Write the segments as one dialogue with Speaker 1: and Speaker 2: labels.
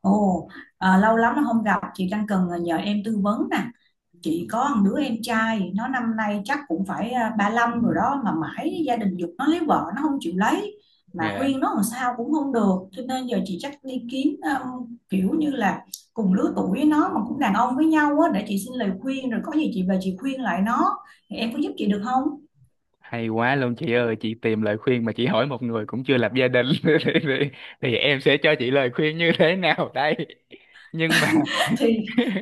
Speaker 1: Ồ, lâu lắm là không gặp, chị đang cần nhờ em tư vấn nè. Chị có một đứa em trai, nó năm nay chắc cũng phải 35 rồi đó mà mãi gia đình giục nó lấy vợ nó không chịu lấy mà
Speaker 2: Dạ,
Speaker 1: khuyên nó làm sao cũng không được. Cho nên giờ chị chắc đi kiếm kiểu như là cùng lứa tuổi với nó mà cũng đàn ông với nhau á, để chị xin lời khuyên rồi có gì chị về chị khuyên lại nó. Thì em có giúp chị được không?
Speaker 2: hay quá luôn chị ơi, chị tìm lời khuyên mà chị hỏi một người cũng chưa lập gia đình thì em sẽ cho chị lời khuyên như thế nào đây? Nhưng mà
Speaker 1: thì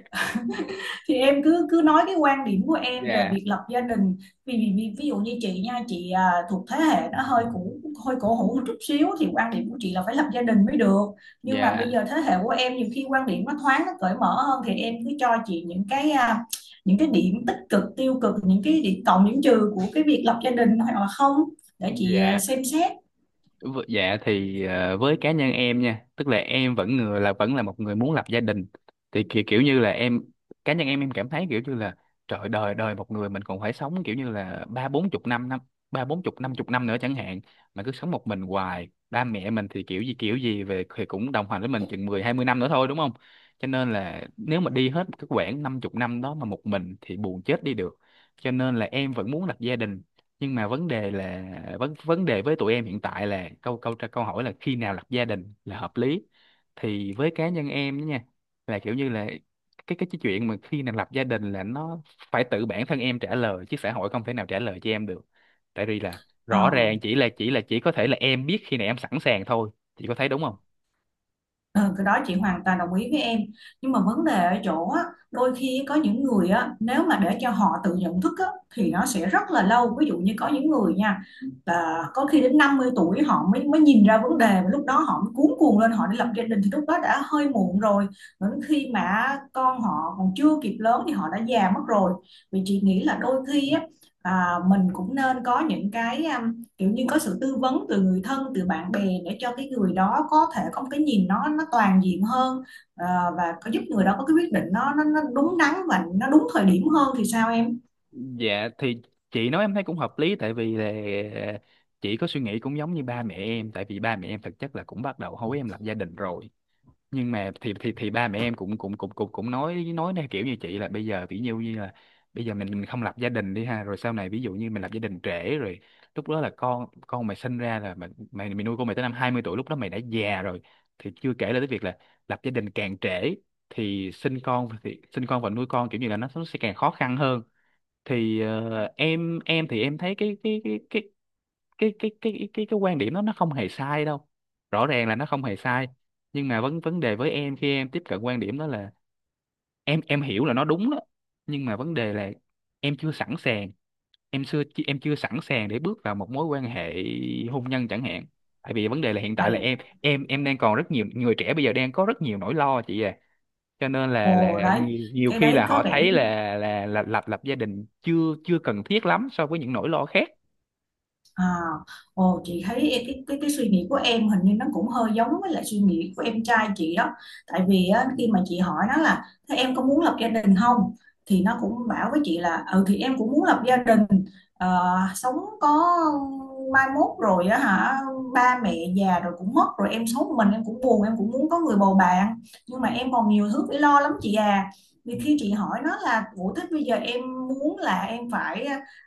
Speaker 1: thì em cứ cứ nói cái quan điểm của em về
Speaker 2: dạ,
Speaker 1: việc lập gia đình, vì ví dụ như chị nha, chị thuộc thế hệ nó hơi cũ, hơi cổ hủ một chút xíu thì quan điểm của chị là phải lập gia đình mới được, nhưng mà
Speaker 2: dạ,
Speaker 1: bây giờ thế hệ của em nhiều khi quan điểm nó thoáng, nó cởi mở hơn thì em cứ cho chị những cái những cái điểm tích cực tiêu cực, những cái điểm cộng điểm trừ của cái việc lập gia đình hoặc là không, để chị
Speaker 2: dạ.
Speaker 1: xem xét.
Speaker 2: Dạ thì với cá nhân em nha, tức là em vẫn là một người muốn lập gia đình. Thì kiểu như là em cá nhân em cảm thấy kiểu như là, trời, đời đời một người mình còn phải sống kiểu như là ba bốn chục năm nữa chẳng hạn, mà cứ sống một mình hoài. Ba mẹ mình thì kiểu gì về thì cũng đồng hành với mình chừng 10, 20 năm nữa thôi, đúng không? Cho nên là nếu mà đi hết cái quãng năm chục năm đó mà một mình thì buồn chết đi được. Cho nên là em vẫn muốn lập gia đình, nhưng mà vấn đề là, vấn vấn đề với tụi em hiện tại là, câu câu câu hỏi là khi nào lập gia đình là hợp lý. Thì với cá nhân em đó nha, là kiểu như là, cái chuyện mà khi nào lập gia đình là nó phải tự bản thân em trả lời, chứ xã hội không thể nào trả lời cho em được. Tại vì là,
Speaker 1: Ờ.
Speaker 2: rõ ràng chỉ có thể là em biết khi nào em sẵn sàng thôi, chị có thấy đúng không?
Speaker 1: Ừ, cái đó chị hoàn toàn đồng ý với em, nhưng mà vấn đề ở chỗ á, đôi khi có những người á, nếu mà để cho họ tự nhận thức á, thì nó sẽ rất là lâu, ví dụ như có những người nha, là có khi đến 50 tuổi họ mới mới nhìn ra vấn đề, và lúc đó họ mới cuống cuồng lên họ đi lập gia đình thì lúc đó đã hơi muộn rồi, đến khi mà con họ còn chưa kịp lớn thì họ đã già mất rồi. Vì chị nghĩ là đôi khi á, mình cũng nên có những cái kiểu như có sự tư vấn từ người thân, từ bạn bè để cho cái người đó có thể có một cái nhìn nó toàn diện hơn, ờ, và có giúp người đó có cái quyết định nó đúng đắn và nó đúng thời điểm hơn, thì sao em?
Speaker 2: Dạ thì chị nói em thấy cũng hợp lý, tại vì là chị có suy nghĩ cũng giống như ba mẹ em, tại vì ba mẹ em thực chất là cũng bắt đầu hối em lập gia đình rồi. Nhưng mà thì ba mẹ em cũng cũng cũng cũng cũng nói theo kiểu như chị là, bây giờ ví dụ như là, bây giờ mình không lập gia đình đi ha, rồi sau này ví dụ như mình lập gia đình trễ rồi, lúc đó là con mày sinh ra là mày mày, mày nuôi con mày tới năm 20 tuổi, lúc đó mày đã già rồi. Thì chưa kể là tới việc là, lập gia đình càng trễ thì sinh con, thì sinh con và nuôi con kiểu như là nó sẽ càng khó khăn hơn. Thì em thì em thấy cái quan điểm đó nó không hề sai đâu, rõ ràng là nó không hề sai. Nhưng mà vấn vấn đề với em khi em tiếp cận quan điểm đó là, em hiểu là nó đúng đó, nhưng mà vấn đề là em chưa sẵn sàng. Em chưa sẵn sàng để bước vào một mối quan hệ hôn nhân chẳng hạn. Tại vì vấn đề là hiện tại là
Speaker 1: Vậy.
Speaker 2: em đang còn, rất nhiều người trẻ bây giờ đang có rất nhiều nỗi lo chị à. Cho nên là
Speaker 1: Ồ đấy,
Speaker 2: nhiều
Speaker 1: cái
Speaker 2: khi
Speaker 1: đấy
Speaker 2: là
Speaker 1: có
Speaker 2: họ thấy
Speaker 1: vẻ...
Speaker 2: là là lập lập gia đình chưa chưa cần thiết lắm so với những nỗi lo khác.
Speaker 1: À, ồ chị thấy cái cái suy nghĩ của em hình như nó cũng hơi giống với lại suy nghĩ của em trai chị đó. Tại vì á, khi mà chị hỏi nó là thế em có muốn lập gia đình không? Thì nó cũng bảo với chị là ừ thì em cũng muốn lập gia đình. Ờ, sống có mai mốt rồi á hả, ba mẹ già rồi cũng mất rồi em sống một mình em cũng buồn, em cũng muốn có người bầu bạn, nhưng mà em còn nhiều thứ phải lo lắm chị à. Vì khi chị hỏi nó là ủa thế bây giờ em muốn là em phải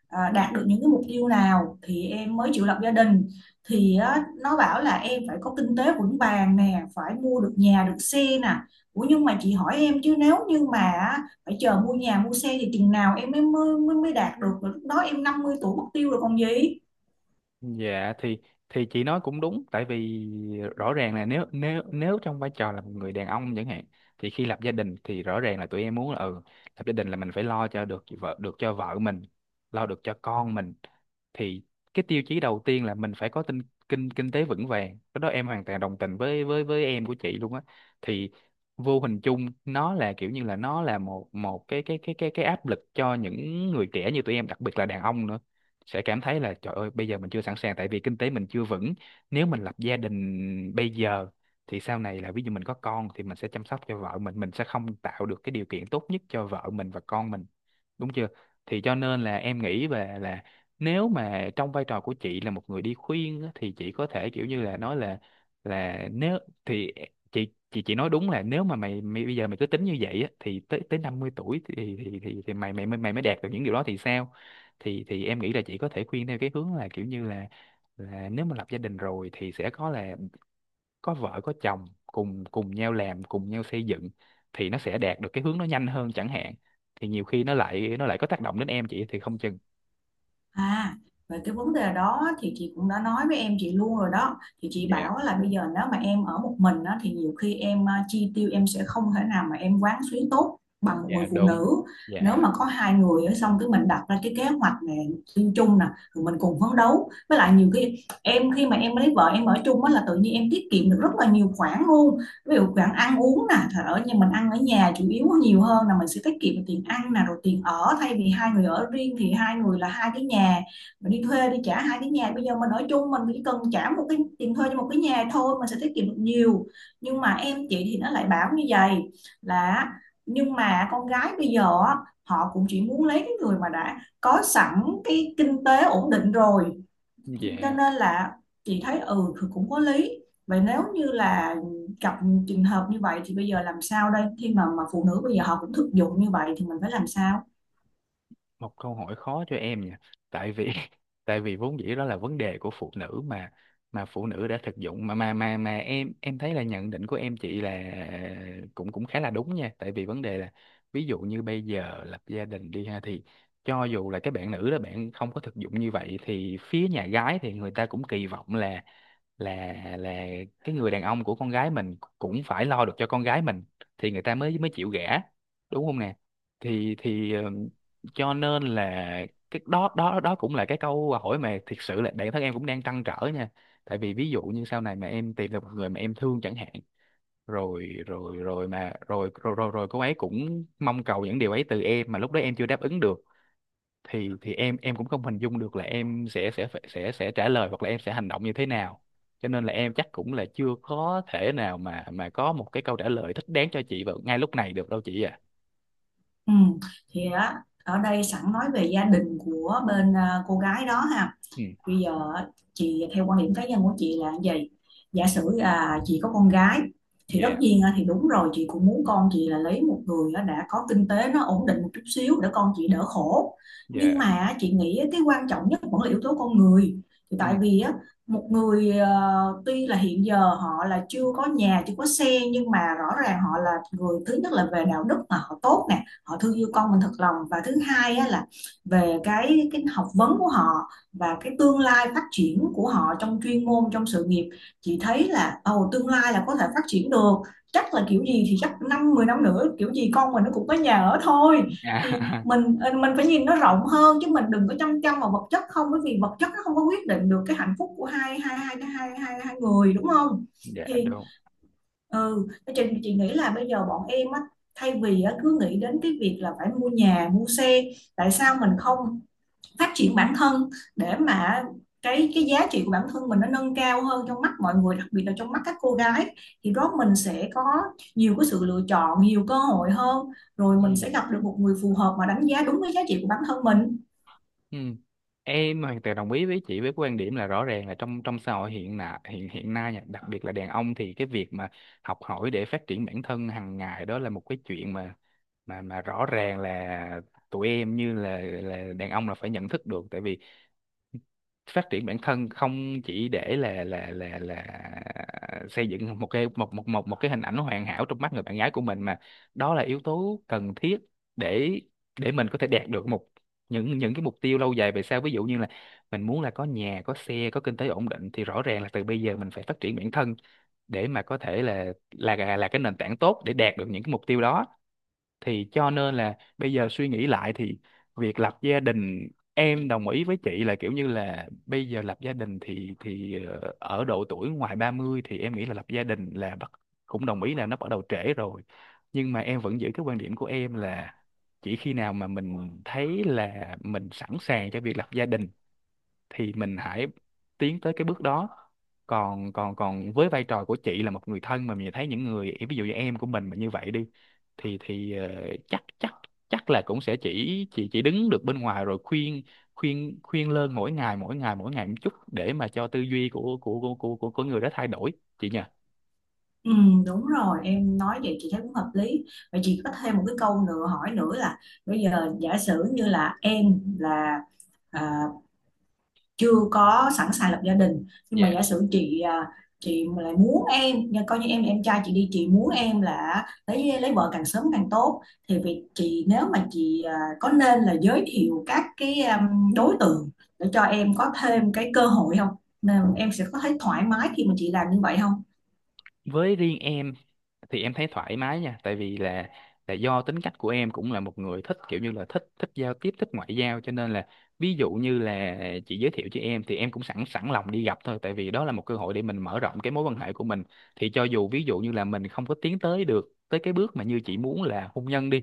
Speaker 1: đạt được những cái mục tiêu nào thì em mới chịu lập gia đình, thì á, nó bảo là em phải có kinh tế vững vàng nè, phải mua được nhà được xe nè. Ủa nhưng mà chị hỏi em chứ nếu như mà á, phải chờ mua nhà mua xe thì chừng nào em mới mới mới đạt được, rồi lúc đó em 50 tuổi mất tiêu rồi còn gì.
Speaker 2: Dạ thì chị nói cũng đúng, tại vì rõ ràng là nếu nếu nếu trong vai trò là một người đàn ông chẳng hạn, thì khi lập gia đình thì rõ ràng là tụi em muốn là, ừ, lập gia đình là mình phải lo cho được vợ, được cho vợ mình, lo được cho con mình. Thì cái tiêu chí đầu tiên là mình phải có kinh kinh tế vững vàng, cái đó em hoàn toàn đồng tình với em của chị luôn á. Thì vô hình chung nó là kiểu như là, nó là một một cái cái áp lực cho những người trẻ như tụi em, đặc biệt là đàn ông nữa, sẽ cảm thấy là trời ơi, bây giờ mình chưa sẵn sàng, tại vì kinh tế mình chưa vững. Nếu mình lập gia đình bây giờ, thì sau này là ví dụ mình có con thì mình sẽ chăm sóc cho vợ mình sẽ không tạo được cái điều kiện tốt nhất cho vợ mình và con mình, đúng chưa? Thì cho nên là em nghĩ về là, nếu mà trong vai trò của chị là một người đi khuyên á, thì chị có thể kiểu như là nói là nếu, thì chị nói đúng là, nếu mà mày bây giờ mày cứ tính như vậy á, thì tới tới 50 tuổi thì thì mày mày mày mới đạt được những điều đó thì sao? Thì em nghĩ là chị có thể khuyên theo cái hướng là kiểu như là nếu mà lập gia đình rồi thì sẽ có là có vợ có chồng, cùng cùng nhau làm, cùng nhau xây dựng, thì nó sẽ đạt được cái hướng nó nhanh hơn chẳng hạn. Thì nhiều khi nó lại có tác động đến em chị thì không chừng.
Speaker 1: À, Về cái vấn đề đó thì chị cũng đã nói với em chị luôn rồi đó. Thì chị
Speaker 2: Dạ,
Speaker 1: bảo là bây giờ nếu mà em ở một mình á, thì nhiều khi em chi tiêu em sẽ không thể nào mà em quán xuyến tốt bằng một người
Speaker 2: dạ
Speaker 1: phụ
Speaker 2: đúng,
Speaker 1: nữ. Nếu
Speaker 2: dạ,
Speaker 1: mà có hai người á, xong cái mình đặt ra cái kế hoạch này chung chung nè, rồi mình cùng phấn đấu. Với lại nhiều khi em, khi mà em lấy vợ em ở chung á là tự nhiên em tiết kiệm được rất là nhiều khoản luôn, ví dụ bạn ăn uống nè, thật ở nhà mình ăn ở nhà chủ yếu nhiều hơn là mình sẽ tiết kiệm được tiền ăn nè, rồi tiền ở, thay vì hai người ở riêng thì hai người là hai cái nhà, mình đi thuê đi trả hai cái nhà, bây giờ mình ở chung mình chỉ cần trả một cái tiền thuê cho một cái nhà thôi, mình sẽ tiết kiệm được nhiều. Nhưng mà em chị thì nó lại bảo như vậy, là nhưng mà con gái bây giờ á, họ cũng chỉ muốn lấy cái người mà đã có sẵn cái kinh tế ổn định rồi, cho
Speaker 2: dạ.
Speaker 1: nên là chị thấy ừ thì cũng có lý. Vậy nếu như là gặp trường hợp như vậy thì bây giờ làm sao đây, khi mà phụ nữ bây giờ họ cũng thực dụng như vậy thì mình phải làm sao?
Speaker 2: Một câu hỏi khó cho em nha, tại vì tại vì vốn dĩ đó là vấn đề của phụ nữ mà phụ nữ đã thực dụng mà em thấy là nhận định của em chị là cũng cũng khá là đúng nha. Tại vì vấn đề là, ví dụ như bây giờ lập gia đình đi ha, thì cho dù là cái bạn nữ đó bạn không có thực dụng như vậy, thì phía nhà gái thì người ta cũng kỳ vọng là, là cái người đàn ông của con gái mình cũng phải lo được cho con gái mình thì người ta mới mới chịu gả, đúng không nè? Thì cho nên là cái đó đó đó cũng là cái câu hỏi mà thiệt sự là bản thân em cũng đang trăn trở nha. Tại vì ví dụ như sau này mà em tìm được một người mà em thương chẳng hạn, rồi rồi rồi mà rồi rồi rồi, rồi cô ấy cũng mong cầu những điều ấy từ em mà lúc đó em chưa đáp ứng được, thì em cũng không hình dung được là em sẽ phải- sẽ trả lời, hoặc là em sẽ hành động như thế nào. Cho nên là em chắc cũng là chưa có thể nào mà có một cái câu trả lời thích đáng cho chị vào ngay lúc này được đâu chị à.
Speaker 1: Ừ. Thì á ở đây sẵn nói về gia đình của bên cô gái đó ha,
Speaker 2: Ừ.
Speaker 1: bây giờ á, chị theo quan điểm cá nhân của chị là cái gì, giả sử là chị có con gái thì tất
Speaker 2: Dạ,
Speaker 1: nhiên á, thì đúng rồi chị cũng muốn con chị là lấy một người á, đã có kinh tế nó ổn định một chút xíu để con chị đỡ khổ, nhưng
Speaker 2: dạ.
Speaker 1: mà á, chị nghĩ á, cái quan trọng nhất vẫn là yếu tố con người, thì
Speaker 2: Ừ.
Speaker 1: tại vì á, một người tuy là hiện giờ họ là chưa có nhà chưa có xe, nhưng mà rõ ràng họ là người, thứ nhất là về đạo đức mà họ tốt nè, họ thương yêu con mình thật lòng, và thứ hai á, là về cái học vấn của họ và cái tương lai phát triển của họ trong chuyên môn, trong sự nghiệp, chị thấy là ồ tương lai là có thể phát triển được, chắc là kiểu gì thì chắc năm 10 năm nữa kiểu gì con mình nó cũng có nhà ở thôi. Thì
Speaker 2: À,
Speaker 1: mình mình phải nhìn nó rộng hơn chứ mình đừng có chăm chăm vào vật chất không, bởi vì vật chất nó không có quyết định được cái hạnh phúc của hai hai hai hai hai, hai người đúng không?
Speaker 2: dạ
Speaker 1: Thì
Speaker 2: đúng.
Speaker 1: ừ, chị nghĩ là bây giờ bọn em á, thay vì á, cứ nghĩ đến cái việc là phải mua nhà mua xe, tại sao mình không phát triển bản thân để mà cái giá trị của bản thân mình nó nâng cao hơn trong mắt mọi người, đặc biệt là trong mắt các cô gái, thì đó mình sẽ có nhiều cái sự lựa chọn, nhiều cơ hội hơn, rồi mình
Speaker 2: Ừ.
Speaker 1: sẽ gặp được một người phù hợp mà đánh giá đúng cái giá trị của bản thân mình.
Speaker 2: Ừ, em hoàn toàn đồng ý với chị với quan điểm là, rõ ràng là trong trong xã hội hiện nay, hiện hiện nay nha, đặc biệt là đàn ông thì cái việc mà học hỏi để phát triển bản thân hàng ngày, đó là một cái chuyện mà mà rõ ràng là tụi em như là đàn ông là phải nhận thức được. Tại vì phát triển bản thân không chỉ để là xây dựng một cái, một một một một cái hình ảnh hoàn hảo trong mắt người bạn gái của mình, mà đó là yếu tố cần thiết để mình có thể đạt được một, những cái mục tiêu lâu dài về sau, ví dụ như là mình muốn là có nhà, có xe, có kinh tế ổn định, thì rõ ràng là từ bây giờ mình phải phát triển bản thân để mà có thể là cái nền tảng tốt để đạt được những cái mục tiêu đó. Thì cho nên là bây giờ suy nghĩ lại thì, việc lập gia đình, em đồng ý với chị là kiểu như là, bây giờ lập gia đình thì ở độ tuổi ngoài 30 thì em nghĩ là lập gia đình là bắt, cũng đồng ý là nó bắt đầu trễ rồi. Nhưng mà em vẫn giữ cái quan điểm của em là, chỉ khi nào mà mình thấy là mình sẵn sàng cho việc lập gia đình thì mình hãy tiến tới cái bước đó. Còn còn còn với vai trò của chị là một người thân mà mình thấy những người ví dụ như em của mình mà như vậy đi, thì chắc chắc chắc là cũng sẽ chỉ đứng được bên ngoài rồi khuyên, khuyên khuyên lơn mỗi ngày, mỗi ngày mỗi ngày một chút, để mà cho tư duy của của người đó thay đổi, chị nhỉ?
Speaker 1: Ừ, đúng rồi em nói vậy chị thấy cũng hợp lý. Vậy chị có thêm một cái câu nữa, hỏi nữa là bây giờ giả sử như là em là à, chưa có sẵn sàng lập gia đình, nhưng mà
Speaker 2: Dạ.
Speaker 1: giả sử chị chị mà lại muốn em nha, coi như em trai chị đi, chị muốn em là lấy vợ càng sớm càng tốt, thì việc chị nếu mà chị có nên là giới thiệu các cái đối tượng để cho em có thêm cái cơ hội không, nên em sẽ có thấy thoải mái khi mà chị làm như vậy không?
Speaker 2: Với riêng em thì em thấy thoải mái nha, tại vì là, do tính cách của em cũng là một người thích kiểu như là, thích thích giao tiếp, thích ngoại giao, cho nên là ví dụ như là chị giới thiệu cho em thì em cũng sẵn sẵn lòng đi gặp thôi, tại vì đó là một cơ hội để mình mở rộng cái mối quan hệ của mình. Thì cho dù ví dụ như là mình không có tiến tới được tới cái bước mà như chị muốn là hôn nhân đi,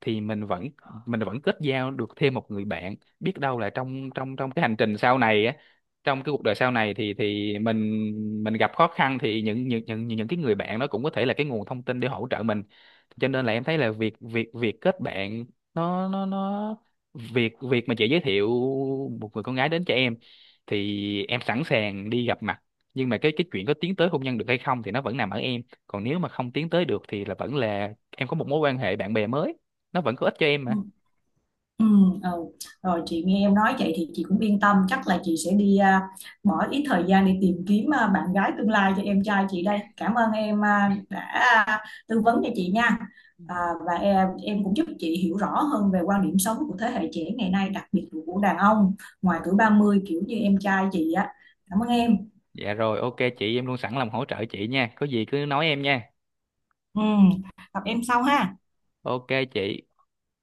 Speaker 2: thì mình vẫn, mình vẫn kết giao được thêm một người bạn. Biết đâu là trong trong trong cái hành trình sau này á, trong cái cuộc đời sau này thì mình, gặp khó khăn thì những cái người bạn đó cũng có thể là cái nguồn thông tin để hỗ trợ mình. Cho nên là em thấy là việc việc việc kết bạn, nó, việc việc mà chị giới thiệu một người con gái đến cho em thì em sẵn sàng đi gặp mặt. Nhưng mà cái chuyện có tiến tới hôn nhân được hay không thì nó vẫn nằm ở em. Còn nếu mà không tiến tới được thì là vẫn là em có một mối quan hệ bạn bè mới, nó vẫn có ích cho em
Speaker 1: Ừ.
Speaker 2: mà.
Speaker 1: Ừ, ừ. Rồi chị nghe em nói vậy thì chị cũng yên tâm, chắc là chị sẽ đi bỏ ít thời gian để tìm kiếm bạn gái tương lai cho em trai chị đây. Cảm ơn em đã tư vấn cho chị nha, à, và em cũng giúp chị hiểu rõ hơn về quan điểm sống của thế hệ trẻ ngày nay, đặc biệt là của đàn ông ngoài tuổi 30 kiểu như em trai chị á, cảm ơn em.
Speaker 2: Dạ rồi, ok chị, em luôn sẵn lòng hỗ trợ chị nha, có gì cứ nói em nha.
Speaker 1: Ừ, gặp em sau ha.
Speaker 2: Ok chị.